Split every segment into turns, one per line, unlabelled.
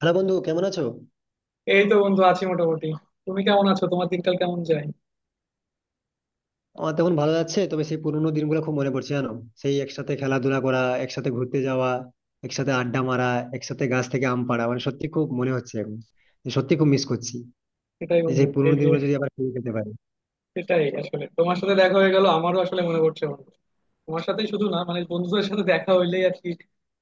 Hello বন্ধু, কেমন আছো?
এই তো বন্ধু আছি মোটামুটি। তুমি কেমন আছো? তোমার দিনকাল কেমন যায়?
আমার তখন ভালো যাচ্ছে, তবে সেই পুরোনো দিনগুলো খুব মনে পড়ছে জানো। সেই একসাথে খেলাধুলা করা, একসাথে ঘুরতে যাওয়া, একসাথে আড্ডা মারা, একসাথে গাছ থেকে আম পাড়া, মানে সত্যি খুব মনে হচ্ছে এখন, যে সত্যি খুব মিস করছি।
সেটাই
যে
বন্ধু,
সেই পুরোনো
এই যে
দিনগুলো যদি আবার ফিরে পেতে পারি।
সেটাই আসলে, তোমার সাথে দেখা হয়ে গেল, আমারও আসলে মনে পড়ছে বন্ধু। তোমার সাথেই শুধু না, মানে বন্ধুদের সাথে দেখা হইলেই আর কি,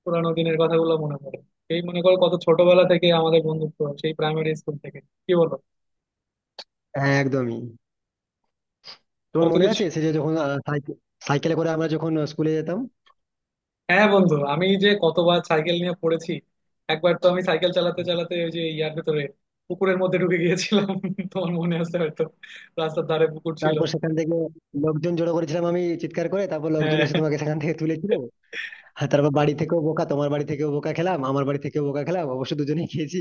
পুরানো দিনের কথাগুলো মনে পড়ে। এই মনে করো, কত ছোটবেলা থেকে আমাদের বন্ধুত্ব, সেই প্রাইমারি স্কুল থেকে। কি বলো?
হ্যাঁ, একদমই। তোমার
কত
মনে
কিছু।
আছে সে যে যখন সাইকেলে করে আমরা যখন স্কুলে যেতাম।
হ্যাঁ বন্ধু, আমি যে কতবার সাইকেল নিয়ে পড়েছি। একবার তো আমি সাইকেল চালাতে চালাতে ওই যে ইয়ার ভেতরে পুকুরের মধ্যে ঢুকে গিয়েছিলাম তোমার মনে আছে হয়তো। রাস্তার ধারে পুকুর ছিল।
তারপর সেখান থেকে লোকজন জড়ো করেছিলাম, আমি চিৎকার করে, তারপর লোকজন এসে তোমাকে সেখান থেকে তুলেছিল।
হ্যাঁ
আর তারপর বাড়ি থেকেও বোকা তোমার বাড়ি থেকেও বোকা খেলাম, আমার বাড়ি থেকেও বোকা খেলাম, অবশ্য দুজনেই খেয়েছি।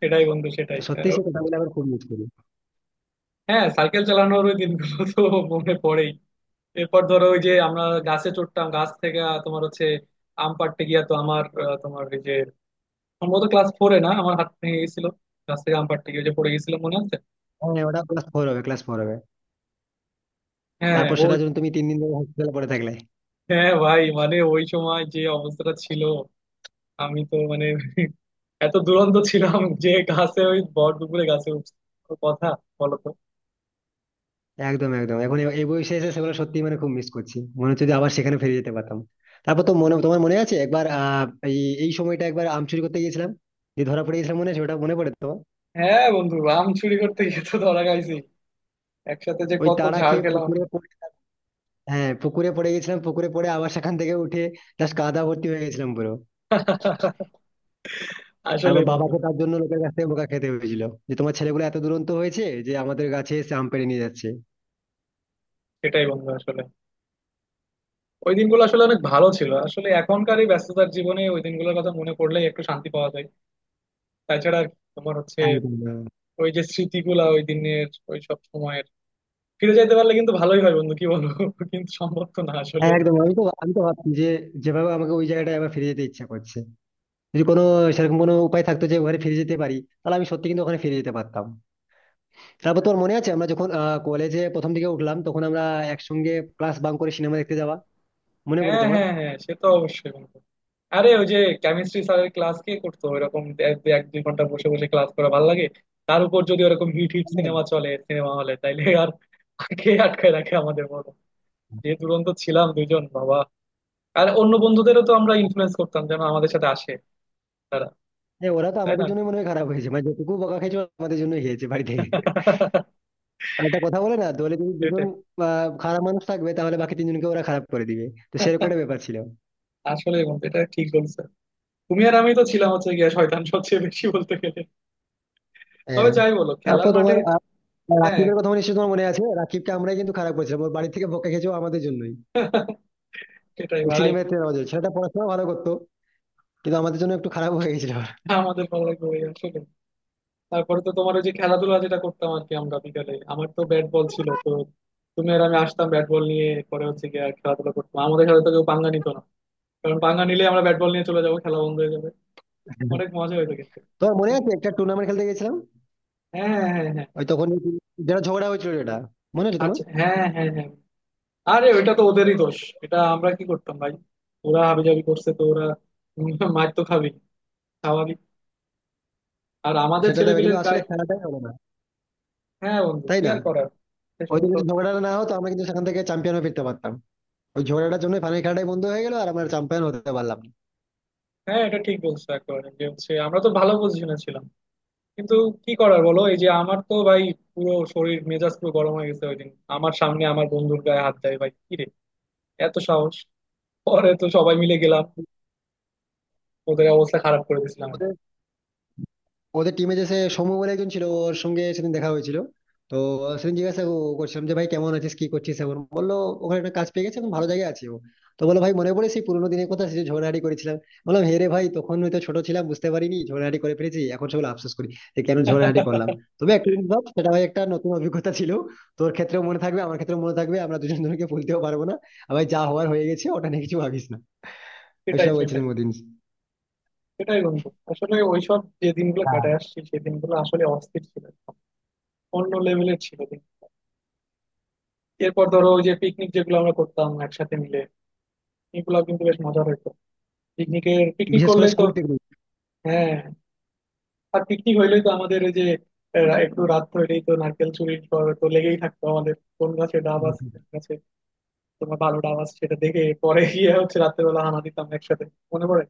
সেটাই বন্ধু সেটাই।
তো
আর
সত্যি সেই কথাগুলো এখন খুব মিস করি।
হ্যাঁ সাইকেল চালানোর ওই দিনগুলো তো মনে পড়েই। এরপর ধরো ওই যে আমরা গাছে চড়তাম, গাছ থেকে তোমার হচ্ছে আম পাড়তে গিয়া তো আমার তোমার ওই যে সম্ভবত ক্লাস ফোরে না আমার হাত ভেঙে গেছিল, গাছ থেকে আম পাড়তে গিয়ে ওই যে পড়ে গেছিল মনে আছে।
হ্যাঁ, ওটা ক্লাস ফোর হবে, ক্লাস ফোর হবে।
হ্যাঁ
তারপর সেটা
ওই।
যখন তুমি 3 দিন ধরে হসপিটালে পড়ে থাকলে।
হ্যাঁ ভাই, মানে ওই সময় যে অবস্থাটা ছিল, আমি তো মানে এত দুরন্ত ছিলাম যে গাছে ওই ভর দুপুরে গাছে উঠছি, কোনো কথা বলো তো।
একদম একদম, এখন এই বয়সে এসে সেগুলো সত্যি মানে খুব মিস করছি, মনে হচ্ছে যে আবার সেখানে ফিরে যেতে পারতাম। তারপর তো তোমার মনে আছে একবার এই এই সময়টা একবার আম চুরি করতে গিয়েছিলাম। যে ধরা পড়ে গেছিলাম, মনে আছে, ওটা মনে পড়ে তো।
হ্যাঁ বন্ধু, আম চুরি করতে গিয়ে তো ধরা খাইছি, একসাথে যে
ওই
কত
তাড়া
ঝাড়
খেয়ে
খেলাম।
পুকুরে পড়ে, হ্যাঁ, পুকুরে পড়ে গেছিলাম, পুকুরে পড়ে আবার সেখান থেকে উঠে জাস্ট কাদা ভর্তি হয়ে গেছিলাম পুরো। তারপর
আসলেই বন্ধু।
বাবাকে তার জন্য লোকের কাছ থেকে বোকা খেতে হয়েছিল যে তোমার ছেলেগুলো এত দুরন্ত হয়েছে যে আমাদের গাছে এসে আম পেড়ে নিয়ে যাচ্ছে।
সেটাই বন্ধু আসলে ওই দিনগুলো আসলে অনেক ভালো ছিল, আসলে এখনকার এই ব্যস্ততার জীবনে ওই দিনগুলোর কথা মনে পড়লেই একটু শান্তি পাওয়া যায়। তাছাড়া আর তোমার হচ্ছে
একদম।
ওই যে স্মৃতিগুলা ওই দিনের, ওই সব সময়ের ফিরে যাইতে পারলে কিন্তু ভালোই হয় বন্ধু, কি বলবো কিন্তু সম্ভব তো না আসলে।
হ্যাঁ একদম, আমি তো ভাবছি যে যেভাবে আমাকে ওই জায়গাটায় আবার ফিরে যেতে ইচ্ছা করছে, যদি কোনো সেরকম কোনো উপায় থাকতো যে ওখানে ফিরে যেতে পারি, তাহলে আমি সত্যি কিন্তু ওখানে ফিরে যেতে পারতাম। তারপর তোর মনে আছে আমরা যখন কলেজে প্রথম দিকে উঠলাম তখন আমরা একসঙ্গে ক্লাস বাং করে সিনেমা দেখতে যাওয়া, মনে পড়ে
হ্যাঁ
তোমার?
হ্যাঁ হ্যাঁ, সে তো অবশ্যই বন্ধু। আরে ওই যে কেমিস্ট্রি স্যারের ক্লাস কে করতো, এরকম এক দুই ঘন্টা বসে বসে ক্লাস করা ভালো লাগে। তার উপর যদি ওরকম হিট হিট
হ্যাঁ,
সিনেমা চলে সিনেমা হলে তাইলে আর কে আটকায় রাখে আমাদের, বলো? যে দুরন্ত ছিলাম দুজন বাবা। আর অন্য বন্ধুদেরও তো আমরা ইনফ্লুয়েন্স করতাম যেন আমাদের সাথে আসে তারা।
হ্যাঁ, ওরা তো
তাই
আমাদের
না?
জন্য মনে হয় খারাপ হয়েছে, মানে যেটুকু বকা খেয়েছে ওরা আমাদের জন্য হয়েছে বাড়ি থেকে। একটা কথা বলে না, দলে যদি দুজন
সেটাই।
খারাপ মানুষ থাকবে তাহলে বাকি তিনজনকে ওরা খারাপ করে দিবে। তো সেরকম একটা ব্যাপার ছিল।
আসলে বন্ধু এটা ঠিক বলছো, তুমি আর আমি তো ছিলাম হচ্ছে গিয়া শয়তান সবচেয়ে বেশি বলতে গেলে। তবে
হ্যাঁ।
যাই বলো, খেলার
তারপর
মাঠে।
তোমার আর
হ্যাঁ।
রাকিবের কথা নিশ্চয়ই তোমার মনে আছে। রাকিবকে আমরাই কিন্তু খারাপ করেছিলাম, ওর বাড়ি থেকে বকা খেয়েছে ও আমাদের জন্যই।
সেটাই
ওই
ভাই।
সিনেমাতে রাজা ছেলেটা পড়াশোনা ভালো করতো, কিন্তু আমাদের জন্য একটু খারাপ হয়ে গেছিল ওর।
আমাদের ভালো লাগবে ভাই আসলে। তারপরে তো তোমার ওই যে খেলাধুলা যেটা করতাম আর কি, আমরা বিকালে আমার তো ব্যাট বল ছিল তো, তুমি আর আমি আসতাম ব্যাট বল নিয়ে, পরে হচ্ছে গিয়ে খেলাধুলা করতাম। আমাদের সাথে তো কেউ পাঙ্গা নিত না, কারণ পাঙ্গা নিলে আমরা ব্যাট বল নিয়ে চলে যাবো, খেলা বন্ধ হয়ে যাবে। অনেক মজা হইতো কিন্তু।
তোমার মনে
তাই না?
আছে একটা টুর্নামেন্ট খেলতে গেছিলাম,
হ্যাঁ হ্যাঁ হ্যাঁ।
ওই তখন যেটা ঝগড়া হয়েছিল, যেটা মনে আছে তোমার?
আচ্ছা হ্যাঁ হ্যাঁ হ্যাঁ। আরে ওইটা তো ওদেরই দোষ, এটা আমরা কি করতাম ভাই, ওরা হাবিজাবি করছে, তো ওরা উম মার তো খাবি, স্বাভাবিক। আর আমাদের
সেটা দেবে কিন্তু
ছেলেপিলের
আসলে
গায়ে।
খেলাটাই হলো না,
হ্যাঁ বন্ধু,
তাই
কি
না।
আর করার। শেষ
ওই দিন
পর্যন্ত
যদি ঝগড়াটা না হতো, আমরা কিন্তু সেখান থেকে চ্যাম্পিয়ন হয়ে ফিরতে পারতাম। ওই ঝগড়াটার জন্য ফাইনাল খেলাটাই বন্ধ হয়ে গেল আর আমরা চ্যাম্পিয়ন হতে পারলাম না।
হ্যাঁ এটা ঠিক বলছো একেবারে, যে হচ্ছে আমরা তো ভালো পজিশনে ছিলাম, কিন্তু কি করার বলো। এই যে আমার তো ভাই পুরো শরীর মেজাজ পুরো গরম হয়ে গেছে ওই দিন, আমার সামনে আমার বন্ধুর গায়ে হাত দেয়, ভাই কি রে এত সাহস! পরে তো সবাই মিলে গেলাম, ওদের অবস্থা খারাপ করে দিয়েছিলাম।
ওদের ওদের টিমে যে সে সৌম্য বলে একজন ছিল, ওর সঙ্গে সেদিন দেখা হয়েছিল। তো সেদিন জিজ্ঞাসা করছিলাম যে ভাই কেমন আছিস, কি করছিস এখন, বললো ওখানে একটা কাজ পেয়ে গেছে, এখন ভালো জায়গায় আছি ও। তো বললো, ভাই মনে পড়ে সেই পুরোনো দিনের কথা, সেই যে ঝগড়াঝাটি করেছিলাম। বললাম, হে রে ভাই, তখন হয়তো ছোট ছিলাম বুঝতে পারিনি, ঝগড়াঝাটি করে ফেলেছি, এখন সেগুলো আফসোস করি যে কেন ঝগড়াঝাটি করলাম। তবে একটা জিনিস ভাব, সেটা ভাই একটা নতুন অভিজ্ঞতা ছিল। তোর ক্ষেত্রেও মনে থাকবে, আমার ক্ষেত্রেও মনে থাকবে, আমরা দুজন দুজনকে ভুলতেও পারবো না। আর ভাই যা হওয়ার হয়ে গেছে, ওটা নিয়ে কিছু ভাবিস না। আমি
সেটাই
সেটা
সেটাই
বলছিলাম ওদিন।
সেটাই বন্ধু। আসলে ওইসব যে দিনগুলো
হ্যাঁ,
কাটায় আসছি, সেই দিনগুলো আসলে অস্থির ছিল, অন্য লেভেলের ছিল দিন। এরপর ধরো ওই যে পিকনিক যেগুলো আমরা করতাম একসাথে মিলে, এগুলো কিন্তু বেশ মজার হতো। পিকনিকের পিকনিক
বিশেষ করে
করলেই তো
স্কুল
হ্যাঁ, আর পিকনিক হইলেই তো আমাদের ওই যে একটু রাত হইলেই তো নারকেল চুরির পর তো লেগেই থাকতো আমাদের, কোন গাছে ডাব আছে
পিকনিক।
কোন গাছে তোমার ভালো ডাব আছে সেটা দেখে পরে গিয়ে হচ্ছে রাত্রে বেলা হানা দিতাম একসাথে। মনে পড়ে?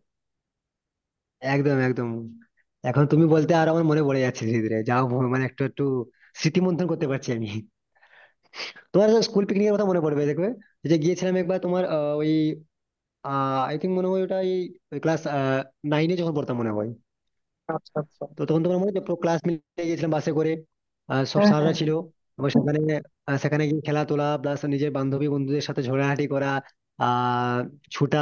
একদম একদম। এখন তুমি বলতে আর আমার মনে পড়ে যাচ্ছে ধীরে ধীরে, যাও মানে একটু একটু স্মৃতি মন্থন করতে পারছি আমি। তোমার স্কুল পিকনিকের কথা মনে পড়বে দেখবে। ওই যে গিয়েছিলাম একবার তোমার ওই আই থিঙ্ক, মনে হয় ওটা এই ক্লাস নাইনে যখন পড়তাম, মনে হয়।
আচ্ছা আচ্ছা।
তো তখন তোমার মনে আছে, পুরো ক্লাস মিলে গেছিলাম বাসে করে, আর সব
হ্যাঁ হ্যাঁ
স্যাররা ছিল।
হ্যাঁ।
এবং সেখানে গিয়ে খেলা তোলা প্লাস নিজের বান্ধবী বন্ধুদের সাথে ঝগড়াঝাটি করা, আহ ছুটা,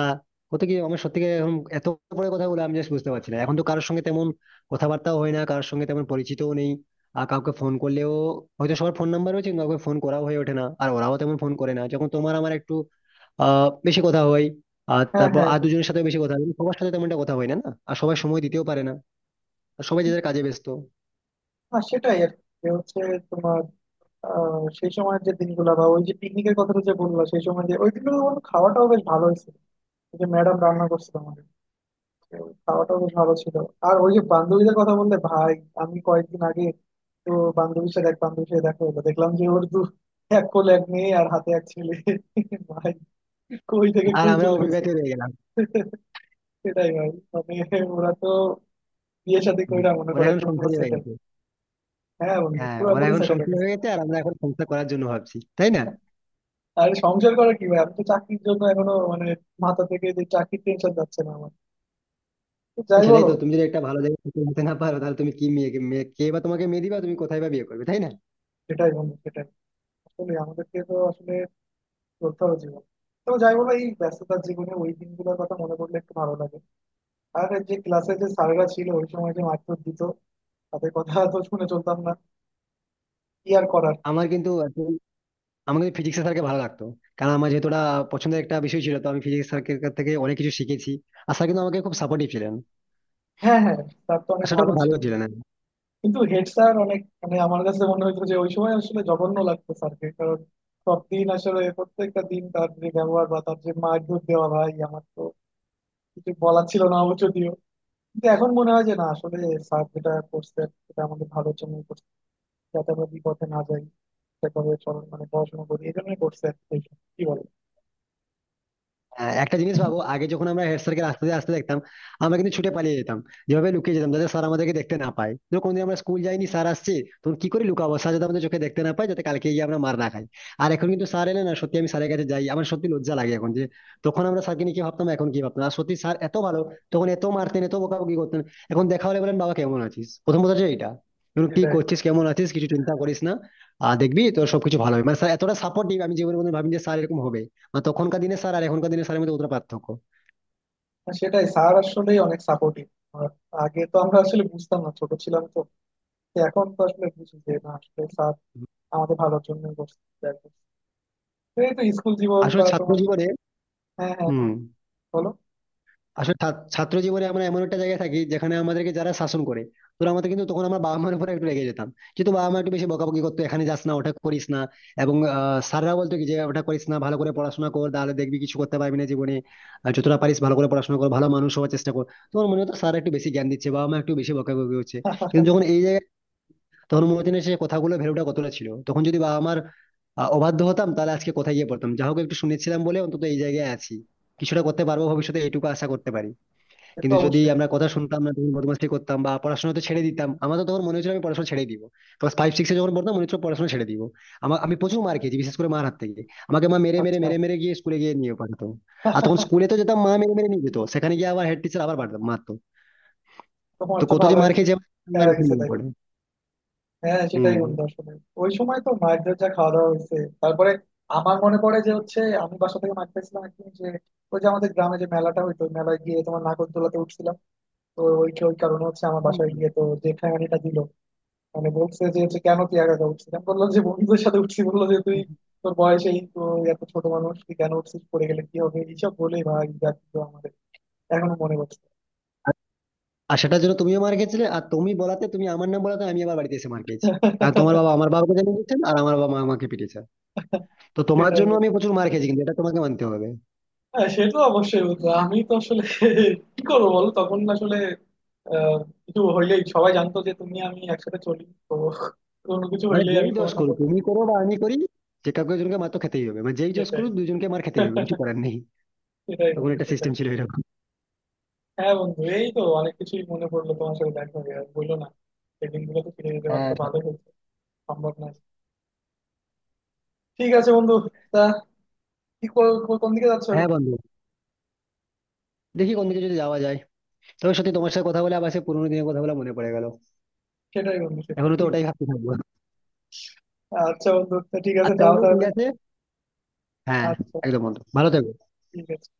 কত কি। আমার সত্যি করে এখন এত বড় কথা বলে আমি জাস্ট বুঝতে পারছি না, এখন তো কারোর সঙ্গে তেমন কথাবার্তাও হয় না, কারোর সঙ্গে তেমন পরিচিতও নেই। আর কাউকে ফোন করলেও হয়তো সবার ফোন নাম্বার রয়েছে, কিন্তু কাউকে ফোন করাও হয়ে ওঠে না, আর ওরাও তেমন ফোন করে না, যখন তোমার আমার একটু বেশি কথা হয়। আর
হ্যাঁ
তারপর
হ্যাঁ
আর
হ্যাঁ।
দুজনের সাথে বেশি কথা হয়, কিন্তু সবার সাথে তেমন একটা কথা হয় না, না আর সবাই সময় দিতেও পারে না। আর সবাই যে যার কাজে ব্যস্ত।
আর সেটাই আর কি। যে হচ্ছে তোমার সেই সময়ের যে দিনগুলো, বা ওই যে পিকনিকের কথাটা যে বললো, সেই সময় যে ওই দিনগুলো আমার খাওয়াটাও বেশ ভালো হয়েছিল। ওই যে ম্যাডাম রান্না করছিল আমাদের, তো ওই খাওয়াটাও বেশ ভালো ছিল। আর ওই যে বান্ধবীদের কথা বললে ভাই, আমি কয়েকদিন আগে তো বান্ধবীর সাথে এক বান্ধবীর সাথে দেখা হলো, দেখলাম যে ওর দু এক কোলে এক মেয়ে আর হাতে এক ছেলে। ভাই কই থেকে
আর
কই
আমরা
চলে গেছে।
অবিবাহিত হয়ে গেলাম।
সেটাই ভাই মানে ওরা তো বিয়ে শাদী
হুম।
কইরা মনে
ওরা
করে
এখন
একদম পুরো
সংসারী হয়ে
সেটেল।
গেছে।
হ্যাঁ বন্ধু
হ্যাঁ, ওরা
পুরোপুরি
এখন
সেটেল।
সংসার হয়ে গেছে, আর আমরা এখন সংসার করার জন্য ভাবছি, তাই না?
আর সংসার করা কি ভাই, আমি তো চাকরির জন্য এখনো মানে মাথা থেকে যে চাকরির টেনশন যাচ্ছে না আমার। তো
তো
যাই
সেটাই
বলো।
তো, তুমি যদি একটা ভালো জায়গায় চাকরি নিতে না পারো তাহলে তুমি কি মেয়ে কে বা তোমাকে মেয়ে দিবা, তুমি কোথায় বা বিয়ে করবে, তাই না?
সেটাই বন্ধু সেটাই। আসলে আমাদেরকে তো আসলে চলতে হবে জীবন। তো যাই বলো এই ব্যস্ততার জীবনে ওই দিনগুলোর কথা মনে পড়লে একটু ভালো লাগে। আর এই যে ক্লাসে যে স্যাররা ছিল ওই সময় যে মারধর দিত, তাদের কথা তো শুনে চলতাম না, কি আর করার।
আমার কিন্তু এখন- আমার কিন্তু ফিজিক্স স্যারকে ভালো লাগতো, কারণ আমার যেহেতু ওটা পছন্দের একটা বিষয় ছিল, তো আমি ফিজিক্স স্যারকে থেকে অনেক কিছু শিখেছি। আর স্যার কিন্তু আমাকে খুব সাপোর্টিভ ছিলেন।
হ্যাঁ হ্যাঁ, স্যার তো
আর
অনেক
সেটা
ভালো
খুব ভালো
ছিল।
ছিলেন।
কিন্তু হেড স্যার অনেক মানে আমার কাছে মনে হয়েছে যে ওই সময় আসলে জঘন্য লাগতো স্যারকে। কারণ সব দিন আসলে প্রত্যেকটা দিন তার যে ব্যবহার বা তার যে মারধর দেওয়া, ভাই আমার তো কিছু বলার ছিল না অবশ্য যদিও। কিন্তু এখন মনে হয় যে না আসলে স্যার যেটা করছেন সেটা আমাদের ভালোর জন্য করছে, যাতে আমরা বিপথে না যাই, সেভাবে চল মানে পড়াশোনা করি এই জন্যই করছে। আর কি কি বলে।
হ্যাঁ, একটা জিনিস ভাবো, আগে যখন আমরা হেড স্যারকে রাস্তা দিয়ে আসতে দেখতাম আমরা কিন্তু ছুটে পালিয়ে যেতাম। যেভাবে লুকিয়ে যেতাম যাতে স্যার আমাদেরকে দেখতে না পায়, ধরো কোনদিন আমরা স্কুল যাইনি স্যার আসছে, তখন কি করে লুকাবো স্যার যাতে আমাদের চোখে দেখতে না পায়, যাতে কালকে গিয়ে আমরা মার না খাই। আর এখন কিন্তু স্যার এলে না, সত্যি আমি স্যারের কাছে যাই, আমার সত্যি লজ্জা লাগে এখন, যে তখন আমরা স্যারকে নিয়ে কি ভাবতাম, এখন কি ভাবতাম, আর সত্যি স্যার এত ভালো। তখন এত মারতেন, এত বকাবকি করতেন। এখন দেখা হলে বলেন বাবা কেমন আছিস, প্রথম কথা হচ্ছে এইটা। এখন কি
সেটাই।
করছিস, কেমন আছিস, কিছু চিন্তা করিস না, আর দেখবি তোর সবকিছু ভালো হবে, মানে স্যার এতটা সাপোর্টিভ আমি জীবনে কোনোদিন ভাবিনি যে স্যার এরকম হবে। না, তখনকার দিনে স্যার আর এখনকার দিনে স্যারের মধ্যে কতটা পার্থক্য।
আর সেটাই স্যার আসলে অনেক সাপোর্টিভ। আগে তো আমরা আসলে বুঝতাম না, ছোট ছিলাম তো। তো এখন তো আসলে বুঝি যে না আসলে স্যার আমাদের ভালোর জন্য করছে। এই তো স্কুল জীবন
আসলে
বা
ছাত্র
তোমার।
জীবনে।
হ্যাঁ হ্যাঁ হ্যাঁ।
হুম।
বলো।
আসলে ছাত্র ছাত্র জীবনে আমরা এমন একটা জায়গায় থাকি যেখানে আমাদেরকে যারা শাসন করে, তোরা আমাদের, কিন্তু তখন আমার বাবা মার উপরে একটু রেগে যেতাম। কিন্তু বাবা মা একটু বেশি বকাবকি করতো, এখানে যাস না, ওটা করিস না। এবং স্যাররা বলতো কি যে ওটা করিস না ভালো করে পড়াশোনা কর, তাহলে দেখবি কিছু করতে পারবি না জীবনে। আর যতটা পারিস ভালো করে পড়াশোনা কর, ভালো মানুষ হওয়ার চেষ্টা কর। তোমার মনে হতো স্যার একটু বেশি জ্ঞান দিচ্ছে, বাবা মা একটু বেশি বকাবকি হচ্ছে। কিন্তু যখন এই জায়গায়, তখন মনে সেই কথাগুলো ভ্যালুটা কতটা ছিল, তখন যদি বাবা আমার অবাধ্য হতাম তাহলে আজকে কোথায় গিয়ে পড়তাম, যা হোক একটু শুনেছিলাম বলে অন্তত এই জায়গায় আছি। কিছুটা করতে পারবো ভবিষ্যতে, এইটুকু আশা করতে পারি।
সে তো
কিন্তু যদি
অবশ্যই।
আমরা কথা শুনতাম না, তখন বদমাশি করতাম বা পড়াশোনা তো ছেড়ে দিতাম, আমার তো তখন মনে হচ্ছিল আমি পড়াশোনা ছেড়ে দিব। ক্লাস ফাইভ সিক্সে যখন পড়তাম, মনে হচ্ছিল পড়াশোনা ছেড়ে দিব। আমি প্রচুর মার খেয়েছি, বিশেষ করে মার হাত থেকে। আমাকে মা মেরে মেরে
আচ্ছা।
মেরে মেরে গিয়ে স্কুলে গিয়ে নিয়ে পাঠাতো। আর তখন স্কুলে তো যেতাম, মা মেরে মেরে নিয়ে যেত, সেখানে গিয়ে আবার হেড টিচার আবার মারতো।
তোমার
তো
তো
কত যে
ভালোই
মার খেয়েছি আমার
প্যারা
এখন
গেছে
মনে
তাইলে।
পড়ে।
হ্যাঁ হ্যাঁ, সেটাই বন্ধু আসলে ওই সময় তো মায়ের যা খাওয়া দাওয়া হয়েছে। তারপরে আমার মনে পড়ে যে হচ্ছে আমি বাসা থেকে মাঠ পাইছিলাম একদিন, যে ওই যে আমাদের গ্রামে যে মেলাটা হইতো ওই মেলায় গিয়ে তোমার নাগরদোলাতে উঠছিলাম। তো ওই ওই কারণে হচ্ছে আমার বাসায় গিয়ে তো যে ঠেঙানিটা দিল, মানে বলছে যে হচ্ছে কেন তুই একা একা উঠছিলাম, বললো যে বন্ধুদের সাথে উঠছি, বললো যে তুই
হম।
তোর বয়সেই তো এত ছোট মানুষ তুই কেন উঠছিস, পড়ে গেলে কি হবে, এইসব বলে ভাই যা দিল আমার এখনো মনে পড়ছে।
আর সেটার জন্য তুমিও মার খেয়েছিলে, আর তুমি আমার নাম বলাতে আমি আবার বাড়িতে এসে মার খেয়েছি। কারণ তোমার বাবা আমার বাবাকে জানিয়ে দিচ্ছেন, আর আমার বাবা মা আমাকে পিটিয়েছে। তো তোমার
সেটাই
জন্য
বন্ধু।
আমি প্রচুর মার খেয়েছি কিন্তু এটা তোমাকে মানতে হবে।
হ্যাঁ সে তো অবশ্যই বন্ধু। আমি তো আসলে কি করবো বলো, তখন আসলে আহ, কিছু হইলেই সবাই জানতো যে তুমি আমি একসাথে চলি তো, কোনো কিছু
মানে
হইলেই আমি
যেই দোষ
তোমার না
করি,
বলতাম।
তুমি করো বা আমি করি, যে কাউকে একজনকে মার তো খেতেই হবে, মানে যেই দোষ
সেটাই।
করি দুজনকে মার খেতেই হবে, কিছু করার নেই।
সেটাই
তখন
বন্ধু
একটা
সেটাই।
সিস্টেম ছিল এরকম।
হ্যাঁ বন্ধু এই তো অনেক কিছুই মনে পড়লো, তোমার সাথে দেখা হয়ে আর বললো না। সেই দিনগুলো তো ফিরে যেতে পারলে
হ্যাঁ।
তো ভালো হতো, সম্ভব নয়। ঠিক আছে বন্ধু, তা কোন দিকে যাচ্ছ
হ্যাঁ
এখন?
বন্ধু, দেখি কোন দিকে যদি যাওয়া যায়। তবে সত্যি তোমার সাথে কথা বলে আবার সে পুরোনো দিনের কথা বলে মনে পড়ে গেল।
সেটাই বন্ধু সেটাই।
এখনো তো ওটাই ভাবতে থাকবো।
আচ্ছা বন্ধু তা ঠিক আছে,
আচ্ছা
যাও
বন্ধু ঠিক
তাহলে।
আছে। হ্যাঁ।
আচ্ছা
একদম বন্ধু, ভালো থেকো।
ঠিক আছে।